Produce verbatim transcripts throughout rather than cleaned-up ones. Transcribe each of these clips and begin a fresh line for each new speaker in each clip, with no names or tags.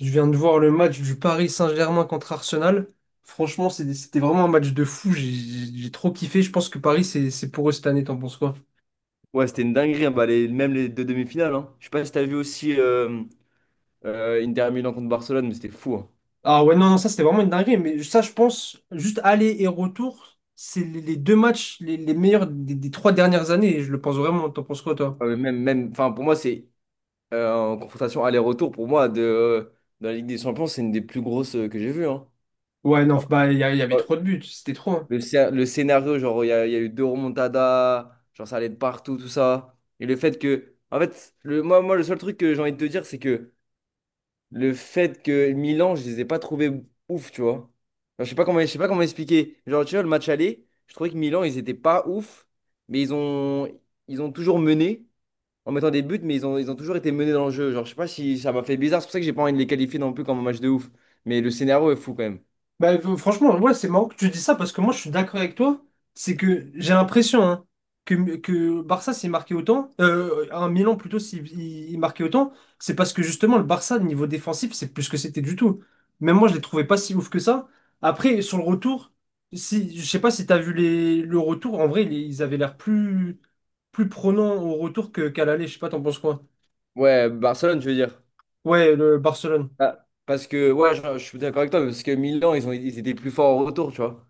Je viens de voir le match du Paris Saint-Germain contre Arsenal. Franchement, c'est- c'était vraiment un match de fou. J'ai j'ai- j'ai trop kiffé. Je pense que Paris, c'est c'est pour eux cette année. T'en penses quoi?
Ouais, c'était une dinguerie, hein. Bah, les- même les deux demi-finales. Hein. Je sais pas si t'as vu aussi euh, euh, Inter Milan contre Barcelone, mais c'était fou. Hein.
Ah ouais, non, non, ça, c'était vraiment une dinguerie. Mais ça, je pense, juste aller et retour, c'est les les deux matchs les, les meilleurs des, des trois dernières années. Je le pense vraiment. T'en penses quoi, toi?
Ah, mais même, même, enfin, pour moi, c'est euh, en confrontation aller-retour. Pour moi, de, euh, dans la Ligue des Champions, c'est une des plus grosses euh, que j'ai vues. Hein.
Ouais, non,
Après,
bah, il y, a- il y avait
euh,
trop de buts. C'était trop, hein.
le, scé- le scénario, genre, il y a, il y a eu deux remontadas, genre, ça allait de partout, tout ça. Et le fait que, en fait, le, moi, moi, le seul truc que j'ai envie de te dire, c'est que le fait que Milan, je les ai pas trouvés ouf, tu vois. Genre, je sais pas comment, je sais pas comment expliquer. Genre, tu vois, le match aller, je trouvais que Milan, ils étaient pas ouf, mais ils ont, ils ont toujours mené en mettant des buts, mais ils ont, ils ont toujours été menés dans le jeu. Genre, je sais pas si ça m'a fait bizarre. C'est pour ça que j'ai pas envie de les qualifier non plus comme un match de ouf. Mais le scénario est fou quand même.
Bah, euh, franchement, ouais, c'est marrant que tu dis ça parce que moi, je suis d'accord avec toi. C'est que j'ai l'impression, hein, que, que Barça s'est marqué autant, euh, un Milan plutôt s'il il- il marquait autant, c'est parce que justement, le Barça, niveau défensif, c'est plus ce que c'était du tout. Même moi, je les trouvais pas si ouf que ça. Après, sur le retour, si, je sais pas si t'as vu les, le retour, en vrai, ils ils avaient l'air plus, plus prenants au retour que, qu'à l'aller. Je sais pas, t'en penses quoi?
Ouais, Barcelone, je veux dire.
Ouais, le Barcelone.
Ah, parce que, ouais, je, je suis d'accord avec toi, parce que Milan, ils ont, ils étaient plus forts au retour, tu vois.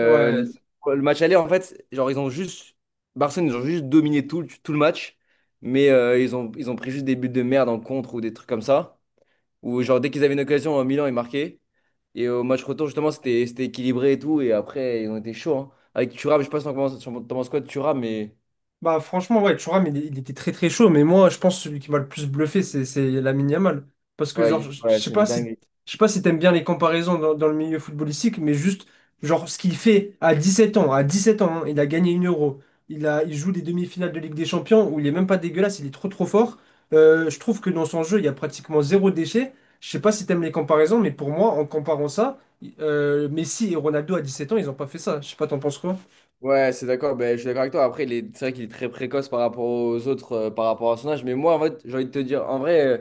Ouais.
le match aller, en fait, genre, ils ont juste. Barcelone, ils ont juste dominé tout, le- tout le match. Mais euh, ils ont, ils ont pris juste des buts de merde en contre ou des trucs comme ça. Ou genre, dès qu'ils avaient une occasion, euh, Milan, ils marquaient. Et au match retour, justement, c'était c'était équilibré et tout. Et après, ils ont été chauds. Hein. Avec Thuram, je sais pas si t'en penses t'en penses quoi de Thuram, mais
Bah franchement ouais Thuram, il, il était très très chaud, mais moi je pense que celui qui m'a le plus bluffé c'est c'est Lamine Yamal, parce que
ouais,
genre je
il-
je
ouais,
sais
c'est
pas
une
si
dinguerie.
je sais pas si t'aimes bien les comparaisons dans, dans le milieu footballistique mais juste genre ce qu'il fait à dix-sept ans à dix-sept ans, hein, il a gagné une Euro, il a il joue des demi-finales de Ligue des Champions où il est même pas dégueulasse, il est trop trop fort. Euh, je trouve que dans son jeu il y a pratiquement zéro déchet. Je sais pas si t'aimes les comparaisons, mais pour moi en comparant ça euh, Messi et Ronaldo à dix-sept ans ils ont pas fait ça, je sais pas, t'en penses quoi?
Ouais, c'est d'accord, ben, je suis d'accord avec toi. Après, il est- c'est vrai qu'il est très précoce par rapport aux autres, euh, par rapport à son âge. Mais moi, en fait, j'ai envie de te dire, en vrai, euh,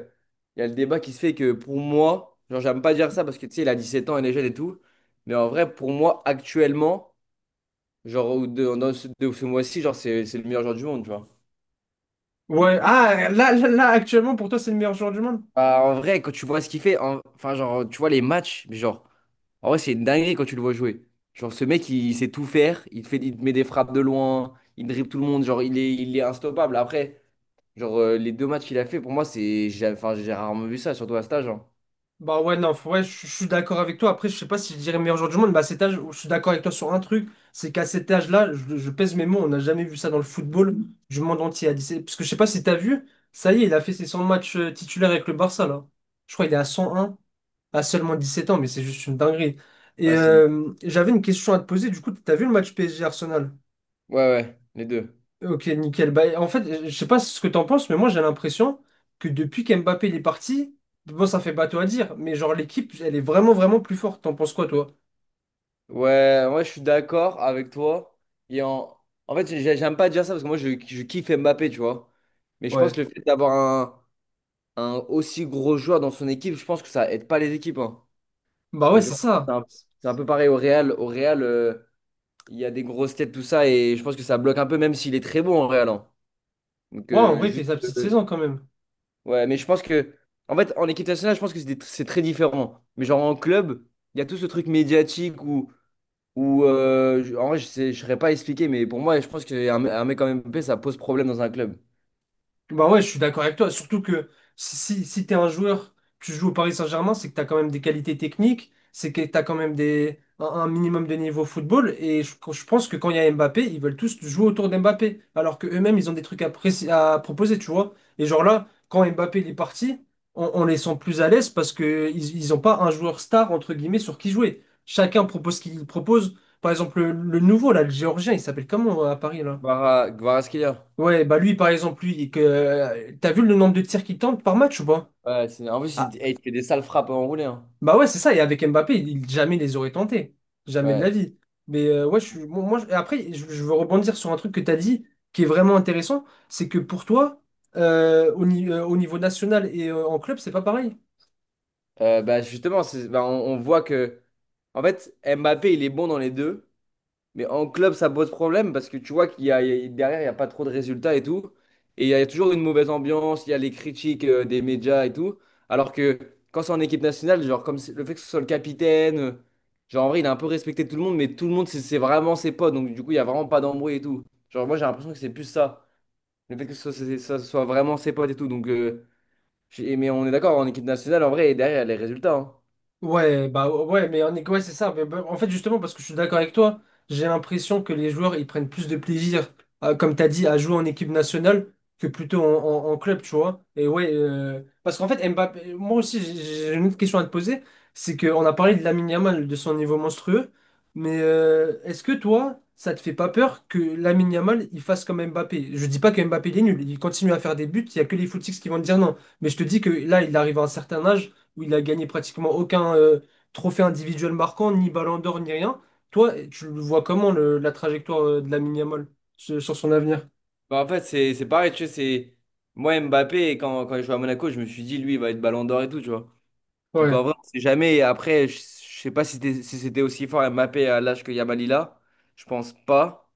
il y a le débat qui se fait que pour moi, genre, j'aime pas dire ça parce que tu sais, il a dix-sept ans, il est jeune et tout. Mais en vrai, pour moi, actuellement, genre, ou de, dans ce, de ce mois-ci, genre, c'est c'est le meilleur joueur du monde, tu vois.
Ouais, ah, là, là, là, actuellement, pour toi, c'est le meilleur joueur du monde?
Bah, en vrai, quand tu vois ce qu'il fait, en- enfin, genre, tu vois les matchs, mais genre, en vrai, c'est une dinguerie quand tu le vois jouer. Genre, ce mec, il il sait tout faire, il te fait, il te met des frappes de loin, il dribble tout le monde, genre, il est, il est instoppable. Après. Genre, euh, les deux matchs qu'il a fait, pour moi, c'est. J'ai enfin, j'ai rarement vu ça, surtout à stage. Hein.
Bah ouais, non, faut- ouais, je je suis d'accord avec toi. Après, je sais pas si je dirais meilleur joueur du monde, mais à cet âge, je suis d'accord avec toi sur un truc, c'est qu'à cet âge-là, je, je pèse mes mots, on n'a jamais vu ça dans le football du monde entier à dix-sept. Parce que je sais pas si t'as vu, ça y est, il a fait ses cent matchs euh, titulaires avec le Barça, là. Je crois qu'il est à cent un, à seulement dix-sept ans, mais c'est juste une dinguerie. Et
Ouais, c'est une-
euh, j'avais une question à te poser, du coup, t'as vu le match P S G-Arsenal?
ouais, ouais, les deux.
Ok, nickel. Bah, en fait, je sais pas ce que t'en penses, mais moi j'ai l'impression que depuis qu'Mbappé il est parti, bon, ça fait bateau à dire, mais genre l'équipe, elle est vraiment, vraiment plus forte. T'en penses quoi, toi?
Ouais, moi, je suis d'accord avec toi. Et en, en fait, j'ai- j'aime pas dire ça parce que moi, je, je kiffe Mbappé, tu vois. Mais je pense que
Ouais.
le fait d'avoir un, un aussi gros joueur dans son équipe, je pense que ça aide pas les équipes. Hein.
Bah ouais,
Et
c'est
genre, c'est
ça.
un, c'est un peu pareil au Real. Au Real, euh, il y a des grosses têtes, tout ça. Et je pense que ça bloque un peu, même s'il est très bon au Real. Hein. Donc,
Ouais, en
euh,
vrai, il fait
juste.
sa petite
Euh,
saison quand même.
Ouais, mais je pense que, en fait, en équipe nationale, je pense que c'est des- c'est très différent. Mais genre en club, il y a tout ce truc médiatique où, où euh, je- en vrai, je sais, je saurais pas expliquer, mais pour moi, je pense qu'un un mec comme Mbappé, ça pose problème dans un club.
Bah ouais, je suis d'accord avec toi. Surtout que si, si, si t'es un joueur, tu joues au Paris Saint-Germain, c'est que t'as quand même des qualités techniques, c'est que t'as quand même des, un, un minimum de niveau football. Et je, je pense que quand il y a Mbappé, ils veulent tous jouer autour d'Mbappé. Alors que eux-mêmes, ils ont des trucs à, préci- à proposer, tu vois. Et genre là, quand Mbappé il est parti, on, on les sent plus à l'aise parce que ils, ils ont pas un joueur star, entre guillemets, sur qui jouer. Chacun propose ce qu'il propose. Par exemple, le, le nouveau, là, le Géorgien, il s'appelle comment euh, à Paris, là?
Kvara- Kvaratskhelia.
Ouais, bah lui, par exemple, lui, que, euh, t'as vu le nombre de tirs qu'il tente par match ou pas?
Ouais, c'est, en plus,
Ah,
il, eh, il fait des sales frappes enroulées. Hein.
bah ouais, c'est ça. Et avec Mbappé, il, il- jamais les aurait tentés. Jamais de la
Ouais.
vie. Mais euh, ouais, je suis, bon, moi, je- après, je, je veux rebondir sur un truc que t'as dit qui est vraiment intéressant. C'est que pour toi, euh, au, ni- euh, au niveau national et euh, en club, c'est pas pareil.
Euh, bah, justement, c'est- bah, on, on voit que, en fait, Mbappé, il est bon dans les deux. Mais en club, ça pose problème parce que tu vois qu'il y a, il y a- derrière, il n'y a pas trop de résultats et tout. Et il y a toujours une mauvaise ambiance, il y a les critiques euh, des médias et tout. Alors que quand c'est en équipe nationale, genre, comme c'est- le fait que ce soit le capitaine, euh, genre, en vrai, il a un peu respecté tout le monde, mais tout le monde, c'est c'est vraiment ses potes. Donc, du coup, il n'y a vraiment pas d'embrouille et tout. Genre, moi, j'ai l'impression que c'est plus ça. Le fait que ce soit, c'est- ça soit vraiment ses potes et tout. Donc, euh, j'ai- mais on est d'accord, en équipe nationale, en vrai, derrière, il y a les résultats. Hein.
Ouais, bah ouais, mais en est- ouais, c'est ça. Mais bah, en fait, justement, parce que je suis d'accord avec toi, j'ai l'impression que les joueurs ils prennent plus de plaisir, à- comme tu as dit, à jouer en équipe nationale que plutôt en, en- en club, tu vois. Et ouais, euh, parce qu'en fait, Mbappé, moi aussi, j'ai j'ai une autre question à te poser. C'est qu'on a parlé de Lamine Yamal, de son niveau monstrueux, mais euh, est-ce que toi, ça te fait pas peur que Lamine Yamal il fasse comme Mbappé? Je dis pas que Mbappé il est nul, il continue à faire des buts, il y a que les footix qui vont te dire non. Mais je te dis que là, il arrive à un certain âge où il a gagné pratiquement aucun euh, trophée individuel marquant, ni Ballon d'Or, ni rien. Toi, tu le vois comment le- la trajectoire euh, de la Yamal sur, sur son avenir?
Bah, en fait, c'est c'est pareil, tu sais, c'est... Moi, Mbappé, quand, quand il jouait à Monaco, je me suis dit, lui, il va être ballon d'or et tout, tu vois. Donc, en
Ouais.
vrai, on sait jamais. Et après, je, je sais pas si c'était si c'était aussi fort Mbappé à l'âge que Yamal il a. Je pense pas.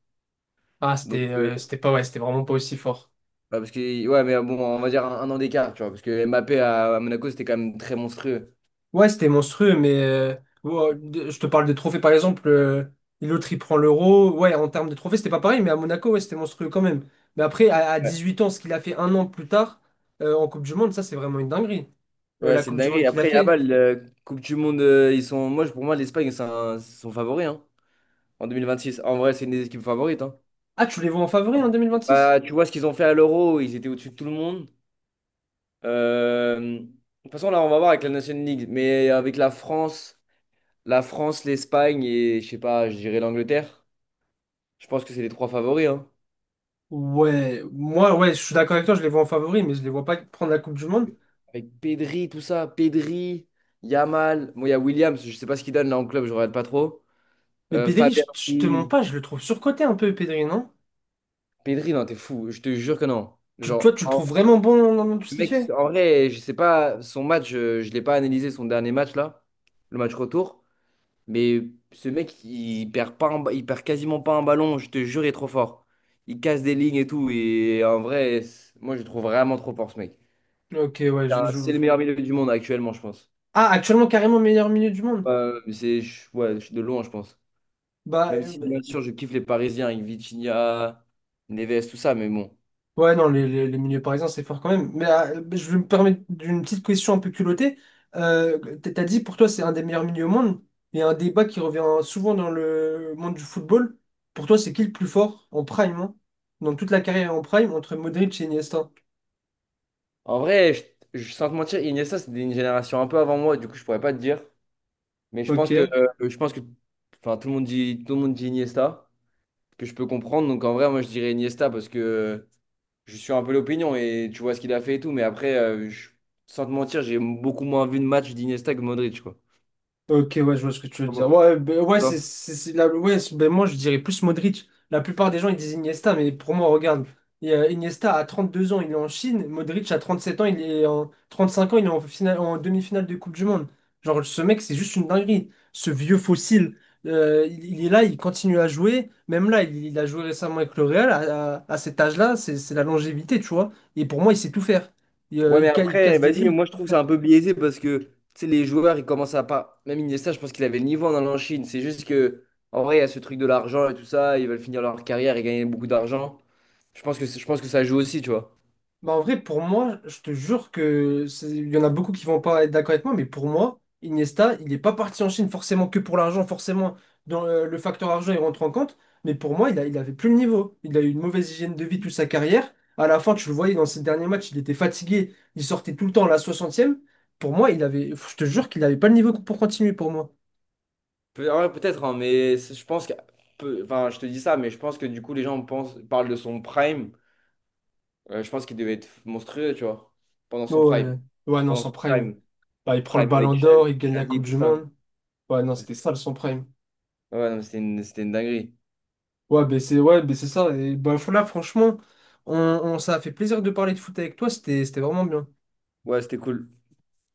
Ah,
Donc,
c'était
euh,
euh, c'était pas ouais, c'était vraiment pas aussi fort.
bah, parce que... Ouais, mais bon, on va dire un, un an d'écart, tu vois. Parce que Mbappé à, à Monaco, c'était quand même très monstrueux.
Ouais, c'était monstrueux, mais euh, ouais, de- je te parle des trophées par exemple. euh, l'autre il prend l'euro. Ouais, en termes de trophées, c'était pas pareil, mais à Monaco, ouais, c'était monstrueux quand même. Mais après, à, à
Ouais,
dix-huit ans, ce qu'il a fait un an plus tard euh, en Coupe du Monde, ça c'est vraiment une dinguerie. Euh,
Ouais,
la
c'est une
Coupe du Monde
dinguerie.
qu'il a
Après,
fait.
Yamal, euh, Coupe du Monde, euh, ils sont... Moi, je- pour moi, l'Espagne, c'est un- c'est son favori, hein, en six En vrai, c'est une des équipes favorites, hein.
Ah, tu les vois en favori en deux mille vingt-six?
Bah, tu vois ce qu'ils ont fait à l'Euro, ils étaient au-dessus de tout le monde. Euh, de toute façon, là, on va voir avec la Nation League, mais avec la France, la France, l'Espagne et je sais pas, je dirais l'Angleterre. Je pense que c'est les trois favoris, hein.
Ouais, moi, ouais, je suis d'accord avec toi, je les vois en favori, mais je les vois pas prendre la Coupe du Monde.
Avec Pedri, tout ça, Pedri, Yamal, bon, il y a Williams, je sais pas ce qu'il donne là en club, je regarde pas trop.
Mais
Euh,
Pedri,
Fabien
je, je te
Ruiz.
mens pas, je le trouve surcoté un peu, Pedri, non?
Pedri, non, t'es fou, je te jure que non.
Tu, toi,
Genre,
tu le
en-
trouves vraiment bon dans, dans tout ce
le
qu'il
mec,
fait?
en vrai, je sais pas, son match, euh, je l'ai pas analysé, son dernier match là, le match retour. Mais ce mec, il perd pas un ba- il perd quasiment pas un ballon, je te jure, il est trop fort. Il casse des lignes et tout. Et en vrai, c'est- moi, je le trouve vraiment trop fort, ce mec.
Ok, ouais,
C'est
je,
un-
je-
c'est le meilleur milieu du monde actuellement, je pense.
ah, actuellement, carrément meilleur milieu du monde.
Euh, c'est, je- ouais, je suis de loin, je pense.
Bah,
Même si, bien
euh.
sûr, je kiffe les Parisiens avec Vitinha, Neves, tout ça, mais bon.
Ouais, non, les, les, les milieux parisiens, c'est fort quand même. Mais euh, je vais me permettre d'une petite question un peu culottée. Euh, t- t'as dit pour toi, c'est un des meilleurs milieux au monde. Il y a un débat qui revient souvent dans le monde du football. Pour toi, c'est qui le plus fort en prime, hein, dans toute la carrière en prime, entre Modric et Iniesta?
En vrai, je, je- sans te mentir, Iniesta, c'est une génération un peu avant moi, du coup, je pourrais pas te dire. Mais je pense que,
Ok.
euh, je pense que, enfin, tout le monde dit, tout le monde dit Iniesta, que je peux comprendre. Donc, en vrai, moi, je dirais Iniesta parce que. Je suis un peu l'opinion et tu vois ce qu'il a fait et tout. Mais après, euh, je- sans te mentir, j'ai beaucoup moins vu de match d'Iniesta que Modric, quoi.
Ok, ouais, je vois ce que tu veux dire.
Comment-
Ouais, ben, ouais, c'est,
Toi
c'est, c'est la- ouais, c'est- ben, moi, je dirais plus Modric. La plupart des gens, ils disent Iniesta, mais pour moi, regarde, il y a Iniesta à trente-deux ans, il est en Chine. Modric à trente-sept ans, il est en trente-cinq ans, il est en finale, en demi-finale de Coupe du Monde. Genre, ce mec, c'est juste une dinguerie. Ce vieux fossile, euh, il, il est là, il continue à jouer. Même là, il, il a joué récemment avec le Real. À, à- à cet âge-là, c'est c'est la longévité, tu vois. Et pour moi, il sait tout faire. Il, euh,
Ouais, mais
il ca- il
après,
casse des
vas-y,
lignes.
moi je trouve que c'est un peu biaisé parce que tu sais, les joueurs, ils commencent à pas. Même Iniesta, je pense qu'il avait le niveau en allant en Chine. C'est juste que, en vrai, il y a ce truc de l'argent et tout ça. Ils veulent finir leur carrière et gagner beaucoup d'argent. Je pense que, c'est- je pense que ça joue aussi, tu vois.
Bah en vrai, pour moi, je te jure que c'est- il y en a beaucoup qui vont pas être d'accord avec moi, mais pour moi, Iniesta, il n'est pas parti en Chine forcément que pour l'argent, forcément, dans euh, le facteur argent, il rentre en compte, mais pour moi, il a, il avait plus le niveau. Il a eu une mauvaise hygiène de vie toute sa carrière. À la fin, tu le voyais dans ses derniers matchs, il était fatigué, il sortait tout le temps à la soixantième. Pour moi, il avait, je te jure qu'il n'avait pas le niveau pour continuer pour moi.
Peut- ouais, peut-être, hein, mais c'est- je pense que. peu- Enfin, je te dis ça, mais je pense que du coup, les gens pensent, parlent de son prime. Euh, je pense qu'il devait être monstrueux, tu vois, pendant son
Oh,
prime.
ouais, ouais, non,
Pendant
sans
son
prime.
prime.
Bah, il prend le
Prime avec
ballon
Xavi,
d'or, il gagne la Coupe
Xavi, tout
du
ça.
Monde. Ouais, non, c'était ça le sans prime.
Ouais, non, mais c'était une, c'était une dinguerie.
Ouais, ben c'est ouais, ben c'est ça. Et ben, là, franchement, on, on- ça a fait plaisir de parler de foot avec toi. C'était, c'était vraiment bien.
Ouais, c'était cool.